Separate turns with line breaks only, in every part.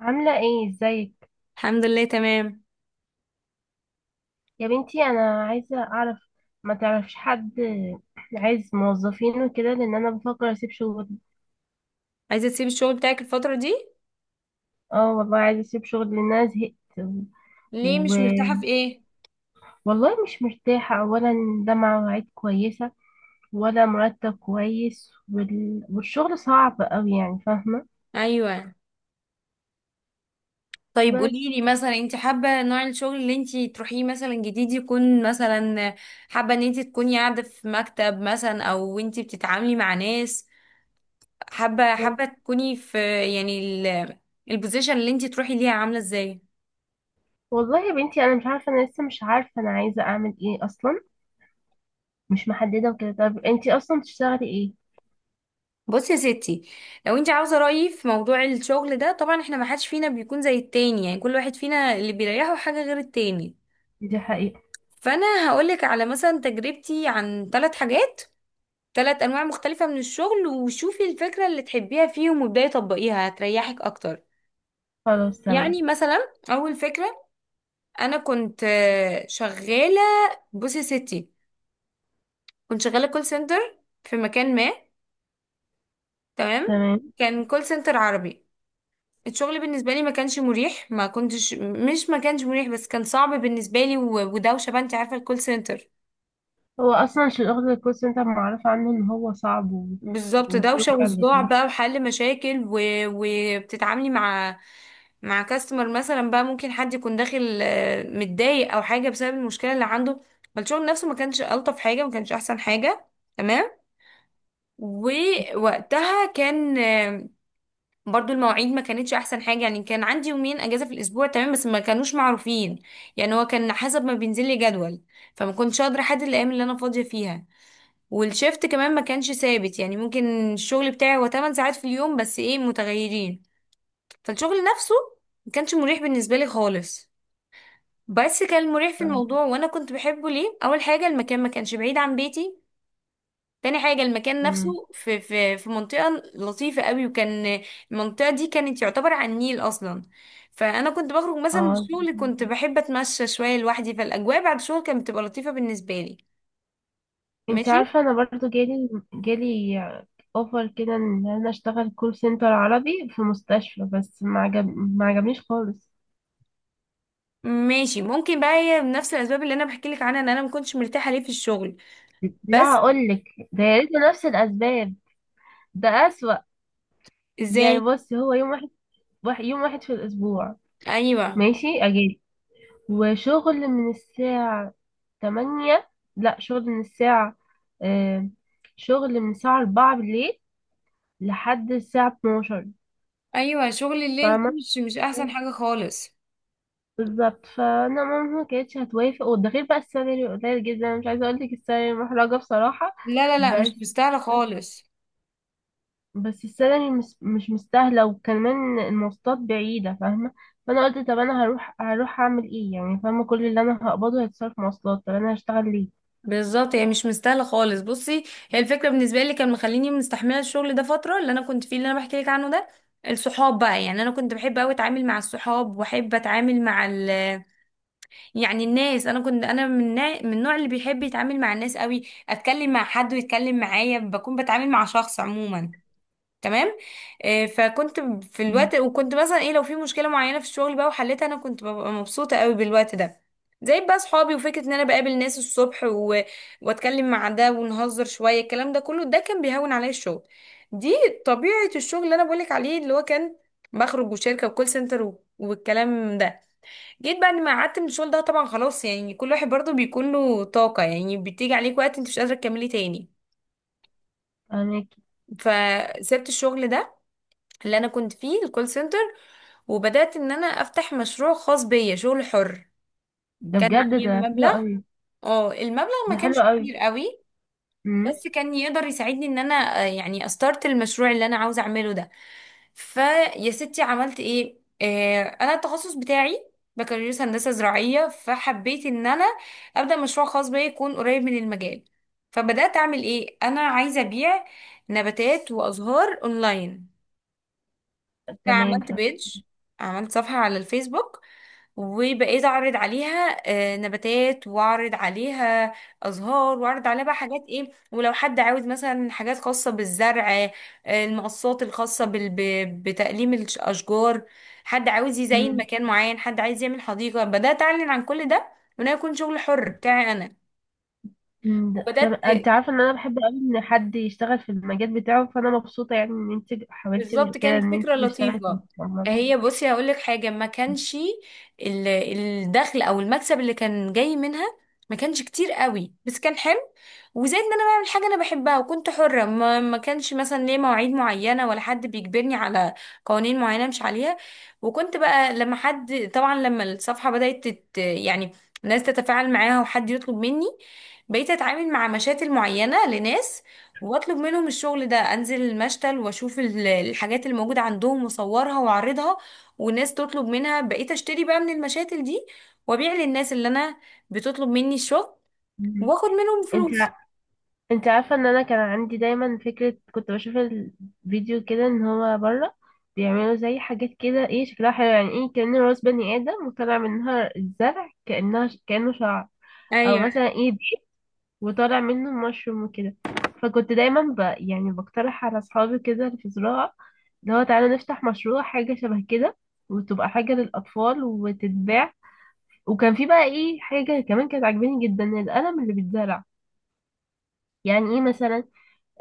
عاملة ايه ازيك؟
الحمد لله، تمام.
يا بنتي انا عايزة اعرف، ما تعرفش حد عايز موظفين وكده لان انا بفكر اسيب شغل.
عايزة تسيبي الشغل بتاعك الفترة دي؟
اه والله عايزة اسيب شغل لان انا زهقت.
ليه
و...
مش مرتاحة؟ في ايه؟
والله مش مرتاحة اولا، ده مع مواعيد كويسة ولا مرتب كويس والشغل صعب اوي يعني فاهمة.
ايوه. طيب،
بس
قوليلي مثلا، انت حابة نوع الشغل اللي انت تروحيه مثلا جديد يكون مثلا، حابة ان انت تكوني قاعدة في مكتب مثلا او انت بتتعاملي مع ناس؟ حابة
و-
حابة تكوني في، يعني ال- البوزيشن اللي انت تروحي ليها عاملة ازاي؟
والله يا بنتي انا مش عارفة، انا لسه مش عارفة انا عايزة اعمل ايه اصلا، مش محددة وكده. طب انتي اصلا بتشتغلي ايه؟
بصي يا ستي، لو انت عاوزه رايي في موضوع الشغل ده، طبعا احنا ما حدش فينا بيكون زي التاني، يعني كل واحد فينا اللي بيريحه حاجه غير التاني.
دي حقيقة.
فانا هقولك على مثلا تجربتي عن ثلاث حاجات، ثلاث انواع مختلفة من الشغل، وشوفي الفكرة اللي تحبيها فيهم وابداي طبقيها، هتريحك اكتر.
خلاص تمام.
يعني مثلا اول فكرة، انا كنت شغالة. بصي يا ستي، كنت شغالة كول سنتر في مكان ما. تمام.
تمام.
كان كول سنتر عربي. الشغل بالنسبة لي ما كانش مريح، ما كنتش مش ما كانش مريح، بس كان صعب بالنسبة لي ودوشة بقى، انت عارفة الكول سنتر.
هو اصلا شغل الكول سنتر معروف عنه ان هو صعب
بالظبط، دوشة
وبيوجع
وصداع
الجبين.
بقى، وحل مشاكل وبتتعاملي مع كاستمر مثلا، بقى ممكن حد يكون داخل متضايق او حاجة بسبب المشكلة اللي عنده. فالشغل نفسه ما كانش ألطف حاجة، ما كانش احسن حاجة. تمام. ووقتها كان آه، برضو المواعيد ما كانتش احسن حاجة، يعني كان عندي يومين اجازة في الاسبوع، تمام، بس ما كانوش معروفين. يعني هو كان حسب ما بينزل لي جدول، فما كنتش قادرة احدد الايام اللي انا فاضية فيها. والشيفت كمان ما كانش ثابت، يعني ممكن الشغل بتاعي هو 8 ساعات في اليوم، بس ايه، متغيرين. فالشغل نفسه ما كانش مريح بالنسبة لي خالص. بس كان مريح في الموضوع، وانا كنت بحبه ليه. اول حاجة، المكان ما كانش بعيد عن بيتي. تاني حاجة، المكان نفسه
مم.
في منطقة لطيفة قوي، وكان المنطقة دي كانت يعتبر على النيل أصلا. فأنا كنت بخرج مثلا من
اه
الشغل، كنت بحب أتمشى شوية لوحدي، فالأجواء بعد الشغل كانت بتبقى لطيفة بالنسبة لي.
انت
ماشي.
عارفه انا برضو جالي جالي اوفر كده ان انا اشتغل كول سنتر عربي في مستشفى بس ما عجبنيش خالص.
ماشي، ممكن بقى هي بنفس الاسباب اللي انا بحكي لك عنها ان انا ما كنتش مرتاحه ليه في الشغل.
لا
بس
اقول لك، ده يا ريت نفس الاسباب، ده اسوأ. يعني
ازاي؟
بص هو يوم واحد، يوم واحد في الاسبوع،
ايوه،
ماشي اجازه، وشغل من الساعه تمانية لا شغل من الساعة، آه شغل من الساعة أربعة بالليل لحد الساعة اتناشر.
ايوه، شغل الليل ده
فاهمة؟
مش احسن حاجه خالص.
بالظبط، فأنا ماما ما كانتش هتوافق، وده غير بقى السالري قليل جدا، أنا مش عايزة أقولك السالري محرجة بصراحة.
لا، لا، لا، مش
بس
مستاهلة خالص.
بس السالري مش مستاهلة، وكمان المواصلات بعيدة فاهمة. فأنا قلت طب أنا هروح أعمل إيه يعني، فاهمة؟ كل اللي أنا هقبضه هيتصرف مواصلات، طب أنا هشتغل ليه؟
بالظبط، هي مش مستاهله خالص. بصي، هي الفكره بالنسبه لي كان مخليني مستحمله الشغل ده فتره اللي انا كنت فيه اللي انا بحكي لك عنه ده. الصحاب بقى، يعني انا كنت بحب قوي اتعامل مع الصحاب واحب اتعامل مع ال يعني الناس. انا كنت انا من النوع اللي بيحب يتعامل مع الناس قوي، اتكلم مع حد ويتكلم معايا، بكون بتعامل مع شخص عموما. تمام. فكنت في
مم.
الوقت، وكنت مثلا ايه لو في مشكله معينه في الشغل بقى وحلتها، انا كنت ببقى مبسوطه قوي بالوقت ده. زي بقى صحابي، وفكره ان انا بقابل ناس الصبح واتكلم مع ده ونهزر شويه، الكلام ده كله ده كان بيهون عليا الشغل. دي طبيعه الشغل اللي انا بقولك عليه، اللي هو كان بخرج وشركه وكول سنتر والكلام ده. جيت بعد ما قعدت من الشغل ده طبعا، خلاص يعني كل واحد برضه بيكون له طاقة، يعني بتيجي عليك وقت انت مش قادرة تكملي تاني.
فاهمك.
فسبت الشغل ده اللي انا كنت فيه، الكول سنتر. وبدأت ان انا افتح مشروع خاص بيا، شغل حر.
ده
كان
بجد
معايا
ده حلو
مبلغ.
أوي.
اه المبلغ ما
ده
كانش
حلو
كبير قوي،
أوي.
بس كان يقدر يساعدني ان انا يعني استارت المشروع اللي انا عاوزه اعمله ده. فيا ستي عملت ايه. انا التخصص بتاعي بكالوريوس هندسه زراعيه، فحبيت ان انا ابدا مشروع خاص بيا يكون قريب من المجال. فبدات اعمل ايه. انا عايزه ابيع نباتات وازهار اونلاين. انا
تمام.
عملت
ف
بيج، عملت صفحة على الفيسبوك، وبقيت اعرض عليها نباتات، واعرض عليها ازهار، واعرض عليها بقى حاجات ايه، ولو حد عاوز مثلا حاجات خاصة بالزرع، المقصات الخاصة بتقليم الاشجار. حد عاوز يزين
مم.
مكان معين، حد عايز يعمل حديقة، بدأت اعلن عن كل ده، وانا يكون شغل حر بتاعي انا.
مم. ده- طب
وبدأت.
انت عارفه ان انا بحب قوي ان حد يشتغل في المجال بتاعه، فانا مبسوطه يعني ان انت حاولتي
بالظبط،
كده
كانت
ان
فكرة
انت تشتغلي في
لطيفة.
المجال.
هي بصي هقول لك حاجة، ما كانش الدخل او المكسب اللي كان جاي منها ما كانش كتير قوي، بس كان حلو. وزائد ان انا بعمل حاجة انا بحبها، وكنت حرة، ما كانش مثلا ليه مواعيد معينة، ولا حد بيجبرني على قوانين معينة مش عليها. وكنت بقى لما حد، طبعا لما الصفحة بدأت يعني الناس تتفاعل معاها وحد يطلب مني، بقيت اتعامل مع مشاتل معينة لناس، واطلب منهم الشغل ده، انزل المشتل واشوف الحاجات اللي موجوده عندهم، واصورها واعرضها. والناس تطلب منها، بقيت اشتري بقى من المشاتل دي، وابيع للناس اللي انا بتطلب مني الشغل،
مم.
واخد منهم
انت،
فلوس.
انت عارفة ان انا كان عندي دايما فكرة، كنت بشوف الفيديو كده ان هو بره بيعملوا زي حاجات كده ايه شكلها حلو، يعني ايه كأن راس بني ادم وطالع منها الزرع كأنها كأنه شعر. او
ايوه.
مثلا ايه دي وطالع منه مشروم وكده. فكنت دايما يعني بقترح على اصحابي كده اللي في زراعة، اللي هو تعالى نفتح مشروع حاجة شبه كده، وتبقى حاجة للأطفال وتتباع. وكان في بقى ايه حاجة كمان كانت عاجباني جدا، القلم اللي بيتزرع. يعني ايه مثلا،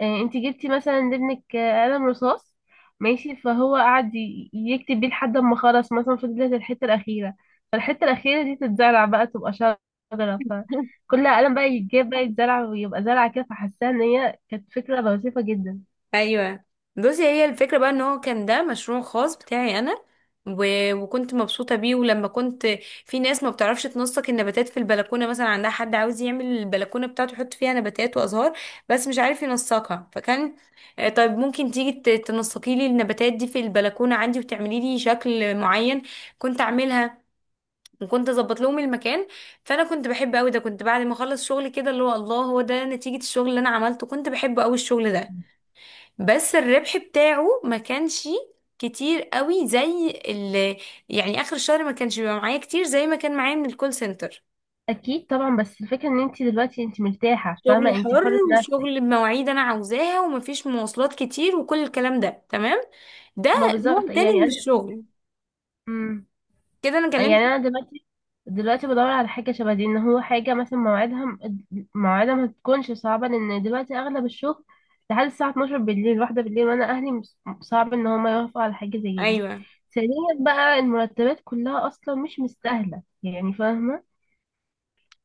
انت جبتي مثلا لابنك قلم رصاص ماشي، فهو قعد يكتب بيه لحد ما خلص مثلا، فضلت الحته الاخيره، فالحته الاخيره دي تتزرع بقى تبقى شجره، فكل قلم بقى يتجاب بقى يتزرع ويبقى زرعه كده. فحاساها ان هي كانت فكره لطيفه جدا.
ايوه، بصي هي الفكره بقى، ان هو كان ده مشروع خاص بتاعي انا، وكنت مبسوطه بيه. ولما كنت، في ناس ما بتعرفش تنسق النباتات في البلكونه، مثلا عندها حد عاوز يعمل البلكونه بتاعته يحط فيها نباتات وازهار بس مش عارف ينسقها، فكان طيب ممكن تيجي تنسقي لي النباتات دي في البلكونه عندي وتعملي لي شكل معين، كنت اعملها، وكنت اظبط لهم المكان. فانا كنت بحب قوي ده، كنت بعد ما اخلص شغل كده اللي هو، الله، هو ده نتيجه الشغل اللي انا عملته، كنت بحب قوي الشغل ده. بس الربح بتاعه ما كانش كتير قوي زي اللي، يعني اخر الشهر ما كانش بيبقى معايا كتير زي ما كان معايا من الكول سنتر.
اكيد طبعا، بس الفكره ان انت دلوقتي انت مرتاحه فاهمه،
شغل
انت
حر،
حره نفسك.
وشغل بمواعيد انا عاوزاها، ومفيش مواصلات كتير، وكل الكلام ده. تمام. ده
ما بالظبط
نوع تاني
يعني
من
انا.
الشغل،
مم.
كده انا
يعني
كلمت.
انا دلوقتي بدور على حاجه شبه دي، ان هو حاجه مثلا مواعيدها مواعيدها ما تكونش صعبه، لان دلوقتي اغلب الشغل لحد الساعه 12 بالليل، واحده بالليل، وانا اهلي صعب ان هم يوافقوا على حاجه زي دي.
ايوه،
ثانيا بقى، المرتبات كلها اصلا مش مستاهله يعني فاهمه.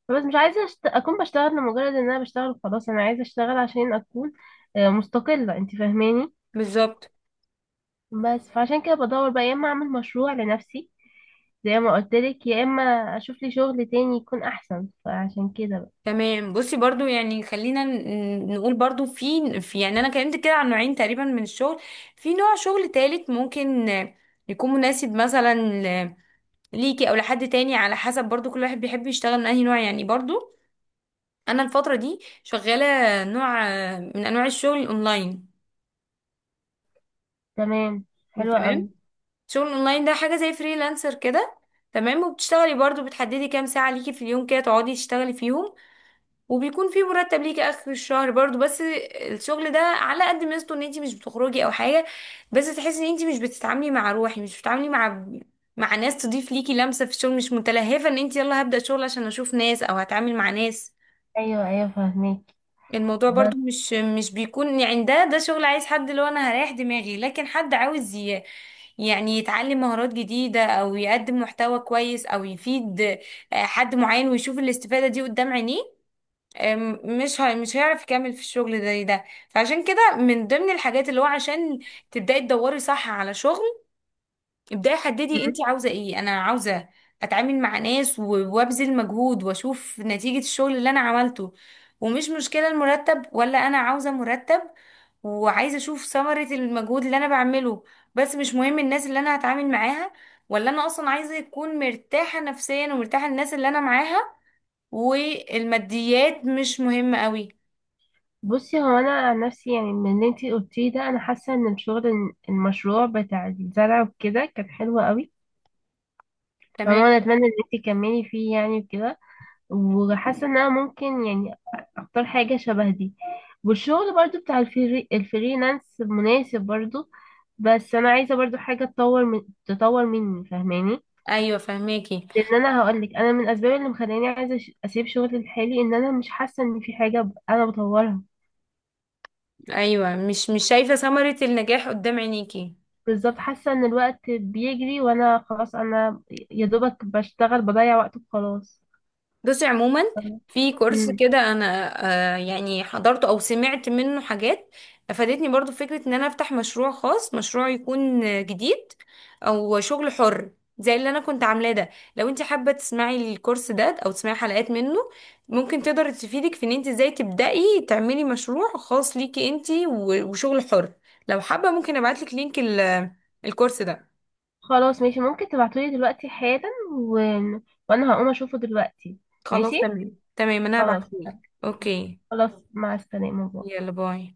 بس مش عايزه اكون بشتغل لمجرد ان انا بشتغل خلاص، انا عايزه اشتغل عشان اكون مستقله، انت فاهماني.
بالظبط.
بس فعشان كده بدور بقى يا اما اعمل مشروع لنفسي زي ما قلت لك، يا اما اشوف لي شغل تاني يكون احسن، فعشان كده بقى.
تمام، بصي برضو، يعني خلينا نقول برضو في يعني انا كلمت كده عن نوعين تقريبا من الشغل. في نوع شغل تالت ممكن يكون مناسب مثلا ليكي او لحد تاني، على حسب برضو كل واحد بيحب يشتغل من انهي نوع يعني. برضو انا الفترة دي شغالة نوع من انواع الشغل الاونلاين.
تمام. حلوة
تمام.
قوي.
الشغل الاونلاين ده حاجة زي فريلانسر كده. تمام، وبتشتغلي برضو، بتحددي كام ساعة ليكي في اليوم كده تقعدي تشتغلي فيهم، وبيكون في مرتب ليكي اخر الشهر برضو. بس الشغل ده على قد ميزته ان انتي مش بتخرجي او حاجة، بس تحسي ان انتي مش بتتعاملي مع روحي، مش بتتعاملي مع ناس تضيف ليكي لمسة في الشغل، مش متلهفة ان انتي، يلا هبدأ شغل عشان اشوف ناس او هتعامل مع ناس.
ايوه ايوه فاهمك.
الموضوع
بس.
برضو مش بيكون يعني، ده شغل عايز حد اللي هو انا هريح دماغي، لكن حد عاوز يعني يتعلم مهارات جديدة او يقدم محتوى كويس او يفيد حد معين ويشوف الاستفادة دي قدام عينيه. مش هيعرف يكمل في الشغل ده، فعشان كده من ضمن الحاجات اللي هو عشان تبدأي تدوري صح على شغل، ابداي حددي انت
مم.
عاوزه ايه. انا عاوزه اتعامل مع ناس وابذل مجهود واشوف نتيجه الشغل اللي انا عملته، ومش مشكله المرتب، ولا انا عاوزه مرتب وعايزه اشوف ثمره المجهود اللي انا بعمله. بس مش مهم الناس اللي انا هتعامل معاها، ولا انا اصلا عايزه اكون مرتاحه نفسيا ومرتاحه للناس اللي انا معاها، والماديات مش مهمه قوي.
بصي هو انا عن نفسي يعني من اللي انتي قلتيه ده، انا حاسه ان الشغل، المشروع بتاع الزرع وكده كان حلو قوي،
تمام.
فما انا اتمنى ان انتي تكملي فيه يعني وكده. وحاسه ان انا ممكن يعني اختار حاجه شبه دي. والشغل برضو بتاع الفريلانس مناسب برضو. بس انا عايزه برضو حاجه تطور من، تطور مني فاهماني.
ايوه، فهماكي.
لان انا هقول لك، انا من الاسباب اللي مخلاني عايزه اسيب شغلي الحالي ان انا مش حاسه ان في حاجه انا بطورها.
ايوه، مش شايفه ثمره النجاح قدام عينيكي.
بالظبط حاسه ان الوقت بيجري وانا خلاص، انا يا دوبك بشتغل بضيع وقت وخلاص.
بصي عموما، في كورس
امم
كده انا يعني حضرته او سمعت منه حاجات افادتني، برضو فكرة ان انا افتح مشروع خاص، مشروع يكون جديد، او شغل حر زي اللي انا كنت عاملاه ده. لو انت حابة تسمعي الكورس ده او تسمعي حلقات منه، ممكن تقدر تفيدك في ان انت ازاي تبدأي تعملي مشروع خاص ليكي انت وشغل حر. لو حابة ممكن ابعتلك لينك الكورس ده.
خلاص ماشي، ممكن تبعتولي دلوقتي حالا وانا هقوم اشوفه دلوقتي. ماشي.
خلاص، تمام تمام، انا
خلاص.
هبعتهولك. اوكي،
خلاص مع السلامه باي.
يلا باي.